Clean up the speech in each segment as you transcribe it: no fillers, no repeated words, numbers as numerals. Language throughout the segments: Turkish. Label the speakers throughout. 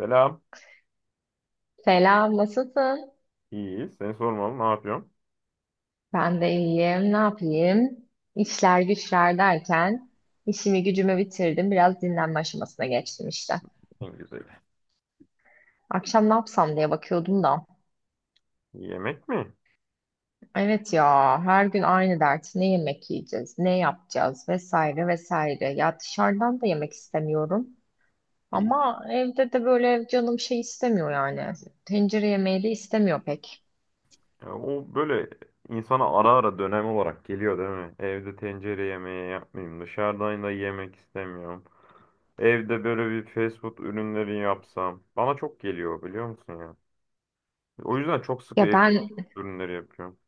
Speaker 1: Selam.
Speaker 2: Selam, nasılsın?
Speaker 1: İyi. Seni sormalı. Ne yapıyorsun?
Speaker 2: Ben de iyiyim, ne yapayım? İşler güçler derken işimi gücümü bitirdim. Biraz dinlenme aşamasına geçtim işte.
Speaker 1: En güzeli.
Speaker 2: Akşam ne yapsam diye bakıyordum da.
Speaker 1: Yemek mi?
Speaker 2: Evet ya, her gün aynı dert. Ne yemek yiyeceğiz, ne yapacağız vesaire vesaire. Ya dışarıdan da yemek istemiyorum.
Speaker 1: İyi.
Speaker 2: Ama evde de böyle canım şey istemiyor yani. Tencere yemeği de istemiyor pek.
Speaker 1: Ya o böyle insana ara ara dönem olarak geliyor değil mi? Evde tencere yemeği yapmayayım. Dışarıdan da yemek istemiyorum. Evde böyle bir fast food ürünleri yapsam. Bana çok geliyor biliyor musun ya? O yüzden çok sık
Speaker 2: Ya
Speaker 1: evde fast
Speaker 2: ben
Speaker 1: food ürünleri yapıyorum.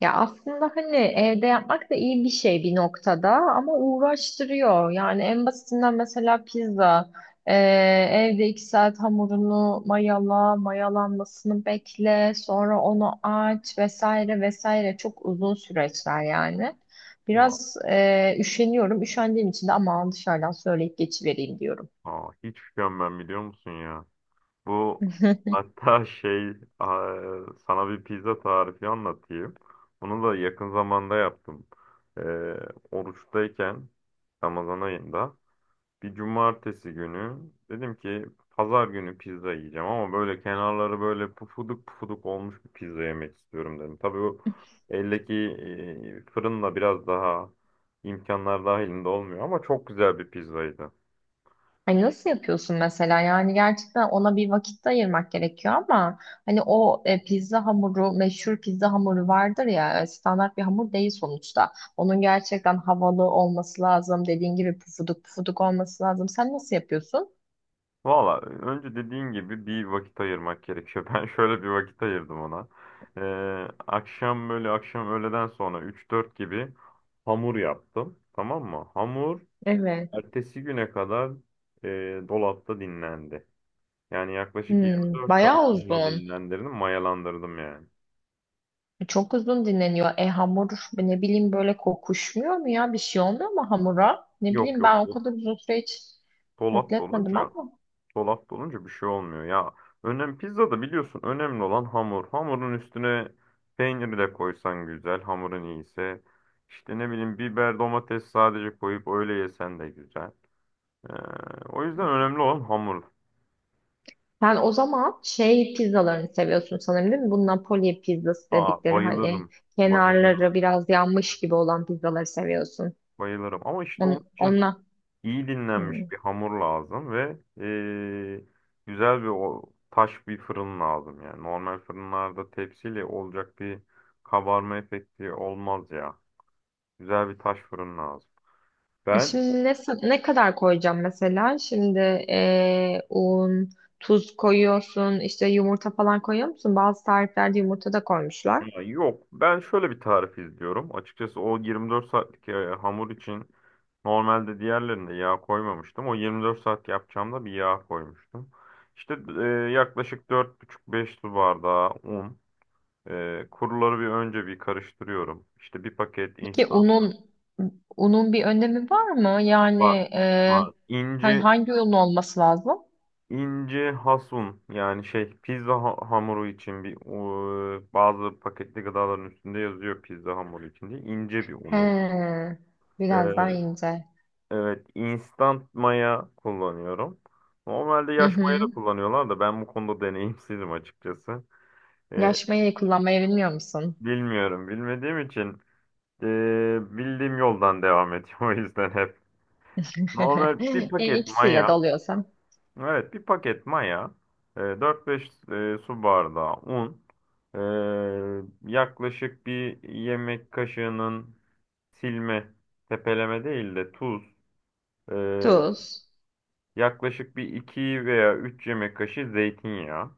Speaker 2: Ya aslında hani evde yapmak da iyi bir şey bir noktada ama uğraştırıyor. Yani en basitinden mesela pizza. Ee, Evde iki saat hamurunu mayala, mayalanmasını bekle, sonra onu aç vesaire vesaire çok uzun süreçler yani.
Speaker 1: Aa,
Speaker 2: Biraz üşeniyorum. Üşendiğim için de aman dışarıdan söyleyip geçivereyim diyorum.
Speaker 1: aa, hiç üşenmem biliyor musun ya? Bu hatta aa, sana bir pizza tarifi anlatayım. Bunu da yakın zamanda yaptım. e, Oruçtayken Ramazan ayında bir cumartesi günü dedim ki pazar günü pizza yiyeceğim, ama böyle kenarları böyle pufuduk pufuduk olmuş bir pizza yemek istiyorum dedim. Tabii o eldeki fırınla biraz daha imkanlar dahilinde olmuyor ama çok güzel bir pizzaydı.
Speaker 2: Hani nasıl yapıyorsun mesela? Yani gerçekten ona bir vakit de ayırmak gerekiyor ama hani o pizza hamuru, meşhur pizza hamuru vardır ya, standart bir hamur değil sonuçta. Onun gerçekten havalı olması lazım. Dediğin gibi pufuduk pufuduk olması lazım. Sen nasıl yapıyorsun?
Speaker 1: Valla önce dediğin gibi bir vakit ayırmak gerekiyor. Ben şöyle bir vakit ayırdım ona. E, akşam, öğleden sonra 3-4 gibi hamur yaptım. Tamam mı?
Speaker 2: Evet.
Speaker 1: Ertesi güne kadar e, dolapta dinlendi. Yani yaklaşık
Speaker 2: Hmm,
Speaker 1: 24 saat
Speaker 2: bayağı
Speaker 1: sonra
Speaker 2: uzun.
Speaker 1: dinlendirdim, mayalandırdım yani.
Speaker 2: Çok uzun dinleniyor. E hamur ne bileyim böyle kokuşmuyor mu ya? Bir şey olmuyor mu hamura? Ne
Speaker 1: Yok
Speaker 2: bileyim
Speaker 1: yok,
Speaker 2: ben o
Speaker 1: do-
Speaker 2: kadar uzun süre hiç
Speaker 1: Dolap
Speaker 2: bekletmedim
Speaker 1: dolunca,
Speaker 2: ama.
Speaker 1: dolap dolunca bir şey olmuyor. Ya, pizzada biliyorsun önemli olan hamur. Hamurun üstüne peyniri de koysan güzel, hamurun iyiyse. İşte ne bileyim biber, domates sadece koyup öyle yesen de güzel. Ee, O yüzden önemli olan hamur.
Speaker 2: Sen o zaman şey pizzalarını seviyorsun sanırım, değil mi? Bu Napoli pizzası
Speaker 1: Aa,
Speaker 2: dedikleri hani
Speaker 1: bayılırım, bayılırım,
Speaker 2: kenarları biraz yanmış gibi olan pizzaları seviyorsun.
Speaker 1: bayılırım. Ama işte
Speaker 2: On,
Speaker 1: onun için
Speaker 2: onunla.
Speaker 1: iyi dinlenmiş
Speaker 2: Hmm.
Speaker 1: bir hamur lazım ve güzel bir taş bir fırın lazım yani. Normal fırınlarda tepsiyle olacak bir kabarma efekti olmaz ya. Güzel bir taş fırın lazım.
Speaker 2: E
Speaker 1: Ben
Speaker 2: şimdi ne, ne kadar koyacağım mesela? Şimdi un, tuz koyuyorsun, işte yumurta falan koyuyor musun? Bazı tariflerde yumurta da koymuşlar.
Speaker 1: ya yok ben şöyle bir tarif izliyorum. Açıkçası o 24 saatlik hamur için normalde diğerlerinde yağ koymamıştım. O 24 saat yapacağımda bir yağ koymuştum. İşte e, Yaklaşık buçuk beş su bardağı un. Kuruları bir önce bir karıştırıyorum. İşte bir paket
Speaker 2: Peki
Speaker 1: instant
Speaker 2: unun bir önemi var mı? Yani
Speaker 1: var.
Speaker 2: e,
Speaker 1: Var.
Speaker 2: hani
Speaker 1: İnce
Speaker 2: hangi un olması lazım?
Speaker 1: ince hasun yani pizza hamuru için bazı paketli gıdaların üstünde yazıyor pizza hamuru için diye ince bir
Speaker 2: He,
Speaker 1: un oluyor. Ee,
Speaker 2: biraz daha ince.
Speaker 1: evet, instant maya kullanıyorum. Normalde
Speaker 2: Hı
Speaker 1: yaş maya da
Speaker 2: hı.
Speaker 1: kullanıyorlar da ben bu konuda deneyimsizim açıkçası. Ee,
Speaker 2: Yaşmayı kullanmayı bilmiyor musun?
Speaker 1: Bilmiyorum, bilmediğim için ee, bildiğim yoldan devam ediyorum o yüzden hep. Normal bir
Speaker 2: E,
Speaker 1: paket
Speaker 2: ikisiyle de
Speaker 1: maya.
Speaker 2: oluyorsa.
Speaker 1: Evet, bir paket maya. 4-5 su bardağı un. Yaklaşık bir yemek kaşığının silme, tepeleme değil de tuz. e,
Speaker 2: Tuz.
Speaker 1: Yaklaşık bir 2 veya 3 yemek kaşığı zeytinyağı.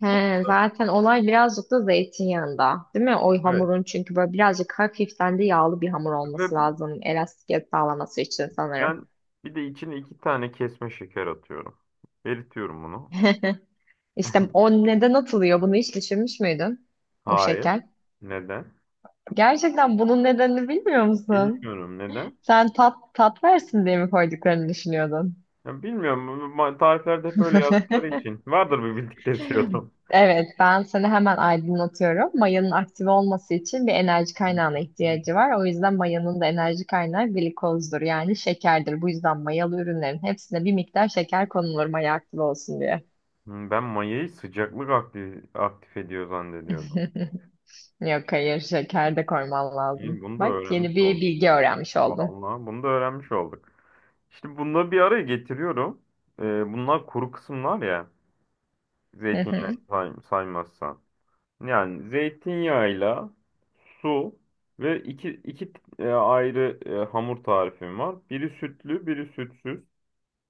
Speaker 2: He,
Speaker 1: Bu kadar.
Speaker 2: zaten olay birazcık da zeytinyağında, değil mi? O
Speaker 1: Evet.
Speaker 2: hamurun çünkü böyle birazcık hafiften de yağlı bir hamur
Speaker 1: Ve
Speaker 2: olması lazım. Elastikiyet sağlaması için sanırım.
Speaker 1: ben bir de içine 2 tane kesme şeker atıyorum. Eritiyorum bunu.
Speaker 2: İşte o neden atılıyor? Bunu hiç düşünmüş müydün? O
Speaker 1: Hayır.
Speaker 2: şeker.
Speaker 1: Neden?
Speaker 2: Gerçekten bunun nedenini bilmiyor musun?
Speaker 1: Bilmiyorum neden.
Speaker 2: Sen tat versin diye mi koyduklarını düşünüyordun?
Speaker 1: Ya bilmiyorum. Bu tariflerde hep öyle yazdıkları için. Vardır bir bildikleri diyordum.
Speaker 2: Evet, ben seni hemen aydınlatıyorum. Mayanın aktif olması için bir enerji kaynağına ihtiyacı var. O yüzden mayanın da enerji kaynağı glikozdur, yani şekerdir. Bu yüzden mayalı ürünlerin hepsine bir miktar şeker konulur maya aktif olsun diye.
Speaker 1: Hmm. Ben mayayı sıcaklık aktif ediyor zannediyordum.
Speaker 2: Yok hayır, şeker de koyman lazım.
Speaker 1: İyi, bunu da
Speaker 2: Bak yeni
Speaker 1: öğrenmiş
Speaker 2: bir
Speaker 1: olduk.
Speaker 2: bilgi öğrenmiş oldum.
Speaker 1: Vallahi bunu da öğrenmiş olduk. İşte bunları bir araya getiriyorum. Ee, Bunlar kuru kısımlar ya. Zeytinyağı saymazsan. Yani zeytinyağıyla su ve iki ayrı hamur tarifim var. Biri sütlü, biri sütsüz.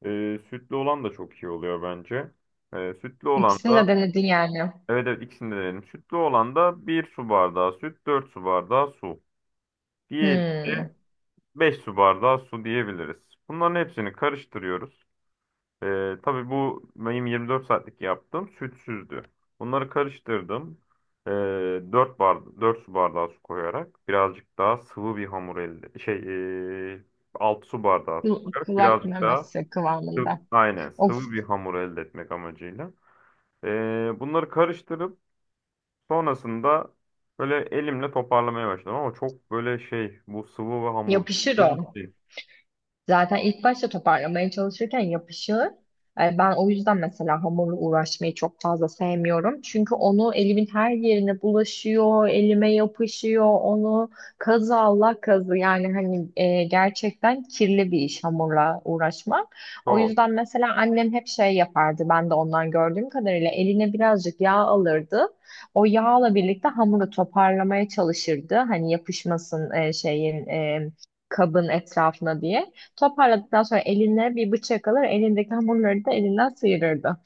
Speaker 1: Sütlü olan da çok iyi oluyor bence. Ee, sütlü olan
Speaker 2: İkisini
Speaker 1: da
Speaker 2: de denedin yani.
Speaker 1: evet, evet, ikisini de denedim. Sütlü olan da bir su bardağı süt, 4 su bardağı su. Diğeri
Speaker 2: Hmm.
Speaker 1: de 5 su bardağı su diyebiliriz. Bunların hepsini karıştırıyoruz. Tabii bu benim 24 saatlik yaptığım sütsüzdü. Bunları karıştırdım. Ee, 4 bardağı, 4 su bardağı su koyarak birazcık daha sıvı bir hamur elde şey ee, 6 su bardağı su
Speaker 2: Kul-
Speaker 1: koyarak
Speaker 2: Kulak
Speaker 1: birazcık daha
Speaker 2: memesi
Speaker 1: Sıv-
Speaker 2: kıvamında.
Speaker 1: Aynen
Speaker 2: Of
Speaker 1: sıvı bir hamur elde etmek amacıyla. Bunları karıştırıp sonrasında böyle elimle toparlamaya başladım, ama çok böyle bu sıvı ve hamur
Speaker 2: yapışır
Speaker 1: bilir
Speaker 2: o.
Speaker 1: misin?
Speaker 2: Zaten ilk başta toparlamaya çalışırken yapışır. E, ben o yüzden mesela hamurla uğraşmayı çok fazla sevmiyorum. Çünkü onu elimin her yerine bulaşıyor, elime yapışıyor, onu kazı Allah kazı. Yani hani gerçekten kirli bir iş hamurla uğraşmak. O
Speaker 1: Çok.
Speaker 2: yüzden mesela annem hep şey yapardı. Ben de ondan gördüğüm kadarıyla eline birazcık yağ alırdı. O yağla birlikte hamuru toparlamaya çalışırdı. Hani yapışmasın kabın etrafına diye. Toparladıktan sonra eline bir bıçak alır, elindeki hamurları da elinden sıyırırdı.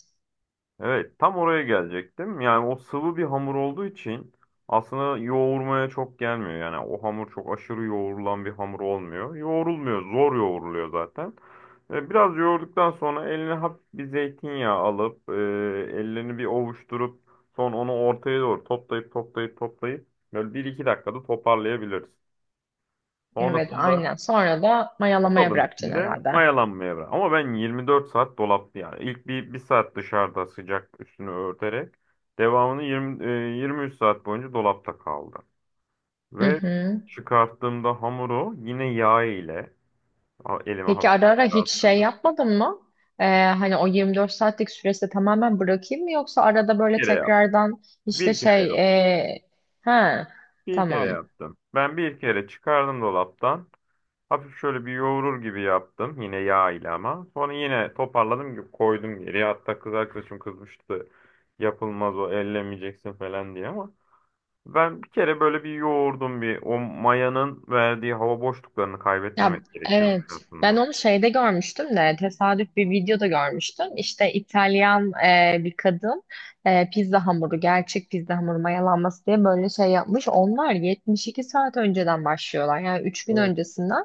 Speaker 1: Evet, tam oraya gelecektim. Yani o sıvı bir hamur olduğu için aslında yoğurmaya çok gelmiyor. Yani o hamur çok aşırı yoğurulan bir hamur olmuyor. Yoğrulmuyor, zor yoğuruluyor zaten. Biraz yoğurduktan sonra eline hafif bir zeytinyağı alıp, ellerini bir ovuşturup, sonra onu ortaya doğru toplayıp toplayıp toplayıp böyle bir iki dakikada toparlayabiliriz.
Speaker 2: Evet,
Speaker 1: Sonrasında
Speaker 2: aynen. Sonra da
Speaker 1: o
Speaker 2: mayalamaya
Speaker 1: kabın
Speaker 2: bırakacaksın
Speaker 1: içinde
Speaker 2: herhalde.
Speaker 1: mayalanmaya bırak. Ama ben 24 saat dolapta yani. İlk bir saat dışarıda sıcak üstünü örterek devamını 23 saat boyunca dolapta kaldı.
Speaker 2: Hı
Speaker 1: Ve
Speaker 2: hı.
Speaker 1: çıkarttığımda hamuru yine yağ ile elime
Speaker 2: Peki
Speaker 1: hafif
Speaker 2: ara ara
Speaker 1: bir yağ
Speaker 2: hiç şey
Speaker 1: sürdüm.
Speaker 2: yapmadın mı? Hani o 24 saatlik süresi tamamen bırakayım mı yoksa arada
Speaker 1: Bir
Speaker 2: böyle
Speaker 1: kere yaptım.
Speaker 2: tekrardan işte
Speaker 1: Bir kere
Speaker 2: şey
Speaker 1: yaptım.
Speaker 2: ha,
Speaker 1: Bir kere
Speaker 2: tamam.
Speaker 1: yaptım. Ben bir kere çıkardım dolaptan. Hafif şöyle bir yoğurur gibi yaptım. Yine yağ ile ama. Sonra yine toparladım, koydum geriye. Hatta kız arkadaşım kızmıştı. Yapılmaz o, ellemeyeceksin falan diye ama. Ben bir kere böyle bir yoğurdum bir. O mayanın verdiği hava boşluklarını
Speaker 2: Ya
Speaker 1: kaybetmemek gerekiyormuş
Speaker 2: evet. Ben
Speaker 1: aslında.
Speaker 2: onu şeyde görmüştüm de tesadüf bir videoda görmüştüm. İşte İtalyan bir kadın pizza hamuru, gerçek pizza hamuru mayalanması diye böyle şey yapmış. Onlar 72 saat önceden başlıyorlar. Yani 3 gün
Speaker 1: O.
Speaker 2: öncesinden.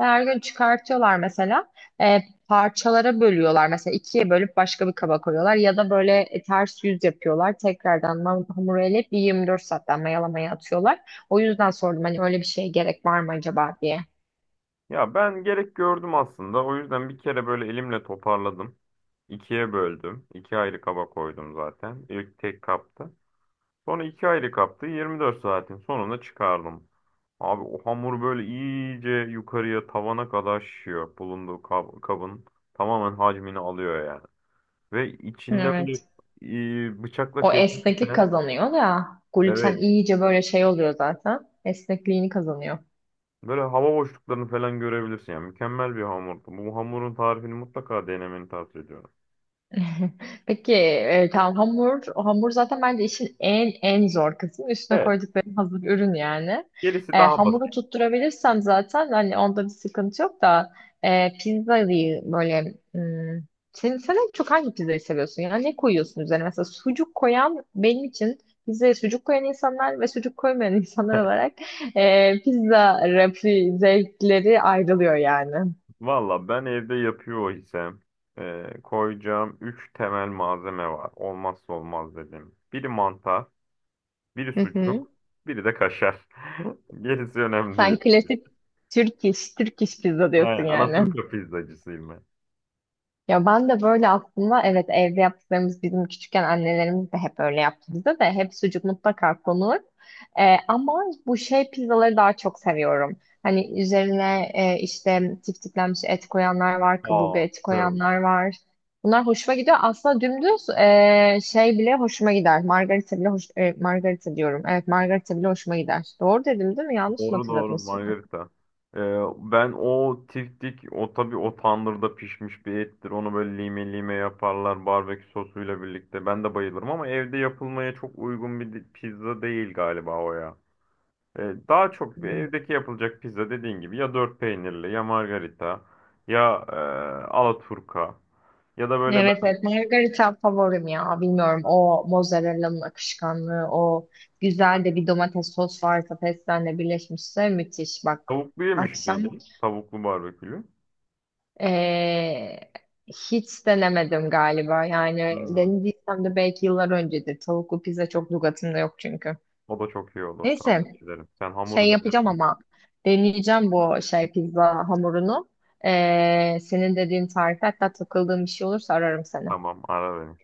Speaker 2: Ve her gün çıkartıyorlar mesela. E, Parçalara bölüyorlar. Mesela ikiye bölüp başka bir kaba koyuyorlar. Ya da böyle ters yüz yapıyorlar. Tekrardan hamuru eleyip bir 24 saatten mayalamaya atıyorlar. O yüzden sordum hani öyle bir şeye gerek var mı acaba diye.
Speaker 1: Ya ben gerek gördüm aslında. O yüzden bir kere böyle elimle toparladım. İkiye böldüm. İki ayrı kaba koydum zaten. İlk tek kapta. Sonra iki aylık yaptı. 24 saatin sonunda çıkardım. Abi o hamur böyle iyice yukarıya tavana kadar şişiyor. Bulunduğu kabın tamamen hacmini alıyor yani. Ve içinde böyle
Speaker 2: Evet.
Speaker 1: bıçakla
Speaker 2: O esneklik
Speaker 1: kesmişsen
Speaker 2: kazanıyor da gluten
Speaker 1: evet
Speaker 2: iyice böyle şey oluyor zaten. Esnekliğini kazanıyor.
Speaker 1: böyle hava boşluklarını falan görebilirsin yani. Mükemmel bir hamurdu. Bu hamurun tarifini mutlaka denemeni tavsiye ediyorum.
Speaker 2: Peki tamam, hamur zaten bence işin en zor kısmı üstüne
Speaker 1: Evet.
Speaker 2: koydukları hazır ürün yani.
Speaker 1: Gerisi
Speaker 2: E,
Speaker 1: daha
Speaker 2: hamuru
Speaker 1: basit.
Speaker 2: tutturabilirsem zaten hani onda bir sıkıntı yok da pizzayı böyle hmm, sen en çok hangi pizzayı seviyorsun, yani ne koyuyorsun üzerine mesela? Sucuk koyan benim için, pizzaya sucuk koyan insanlar ve sucuk koymayan insanlar olarak pizza rafi zevkleri ayrılıyor yani.
Speaker 1: Valla ben evde yapıyor isem koyacağım 3 temel malzeme var. Olmazsa olmaz dedim. Biri mantar, biri sucuk, biri de kaşar. Gerisi önemli
Speaker 2: Sen
Speaker 1: değil.
Speaker 2: klasik Türk iş pizza diyorsun
Speaker 1: Aynen,
Speaker 2: yani.
Speaker 1: Alaturka pizzacısıyım ben.
Speaker 2: Ya ben de böyle aslında, evet, evde yaptıklarımız bizim küçükken annelerimiz de hep öyle yaptı, bize de hep sucuk mutlaka konur. Ama bu şey pizzaları daha çok seviyorum. Hani üzerine işte tiftiklenmiş et koyanlar var, kaburga
Speaker 1: Aa,
Speaker 2: eti
Speaker 1: süper oldu.
Speaker 2: koyanlar var. Bunlar hoşuma gidiyor. Aslında dümdüz şey bile hoşuma gider. Margarita bile hoş, margarita diyorum. Evet, margarita bile hoşuma gider. Doğru dedim değil mi? Yanlış mı
Speaker 1: Doğru,
Speaker 2: hatırladım
Speaker 1: doğru,
Speaker 2: ismini?
Speaker 1: Margarita. E, Ben o tiftik, o tabii o tandırda pişmiş bir ettir. Onu böyle lime lime yaparlar barbekü sosuyla birlikte. Ben de bayılırım ama evde yapılmaya çok uygun bir pizza değil galiba o ya. E, Daha çok bir evdeki yapılacak pizza dediğin gibi ya dört peynirli ya margarita ya alaturka ya da böyle
Speaker 2: Evet
Speaker 1: ben
Speaker 2: evet, margarita favorim ya, bilmiyorum, o mozzarella'nın akışkanlığı, o güzel de bir domates sos varsa pestenle birleşmişse müthiş. Bak
Speaker 1: tavuklu yemiş
Speaker 2: akşam
Speaker 1: miydim? Tavuklu barbekülü.
Speaker 2: eee, hiç denemedim galiba, yani
Speaker 1: Hmm.
Speaker 2: denediysem de belki yıllar öncedir, tavuklu pizza çok lügatımda yok çünkü.
Speaker 1: O da çok iyi olur,
Speaker 2: Neyse,
Speaker 1: tavsiye ederim. Sen hamuru
Speaker 2: şey
Speaker 1: dene
Speaker 2: yapacağım
Speaker 1: ben.
Speaker 2: ama, deneyeceğim bu şey pizza hamurunu. Senin dediğin tarif, hatta takıldığım bir şey olursa ararım seni.
Speaker 1: Tamam, ara beni.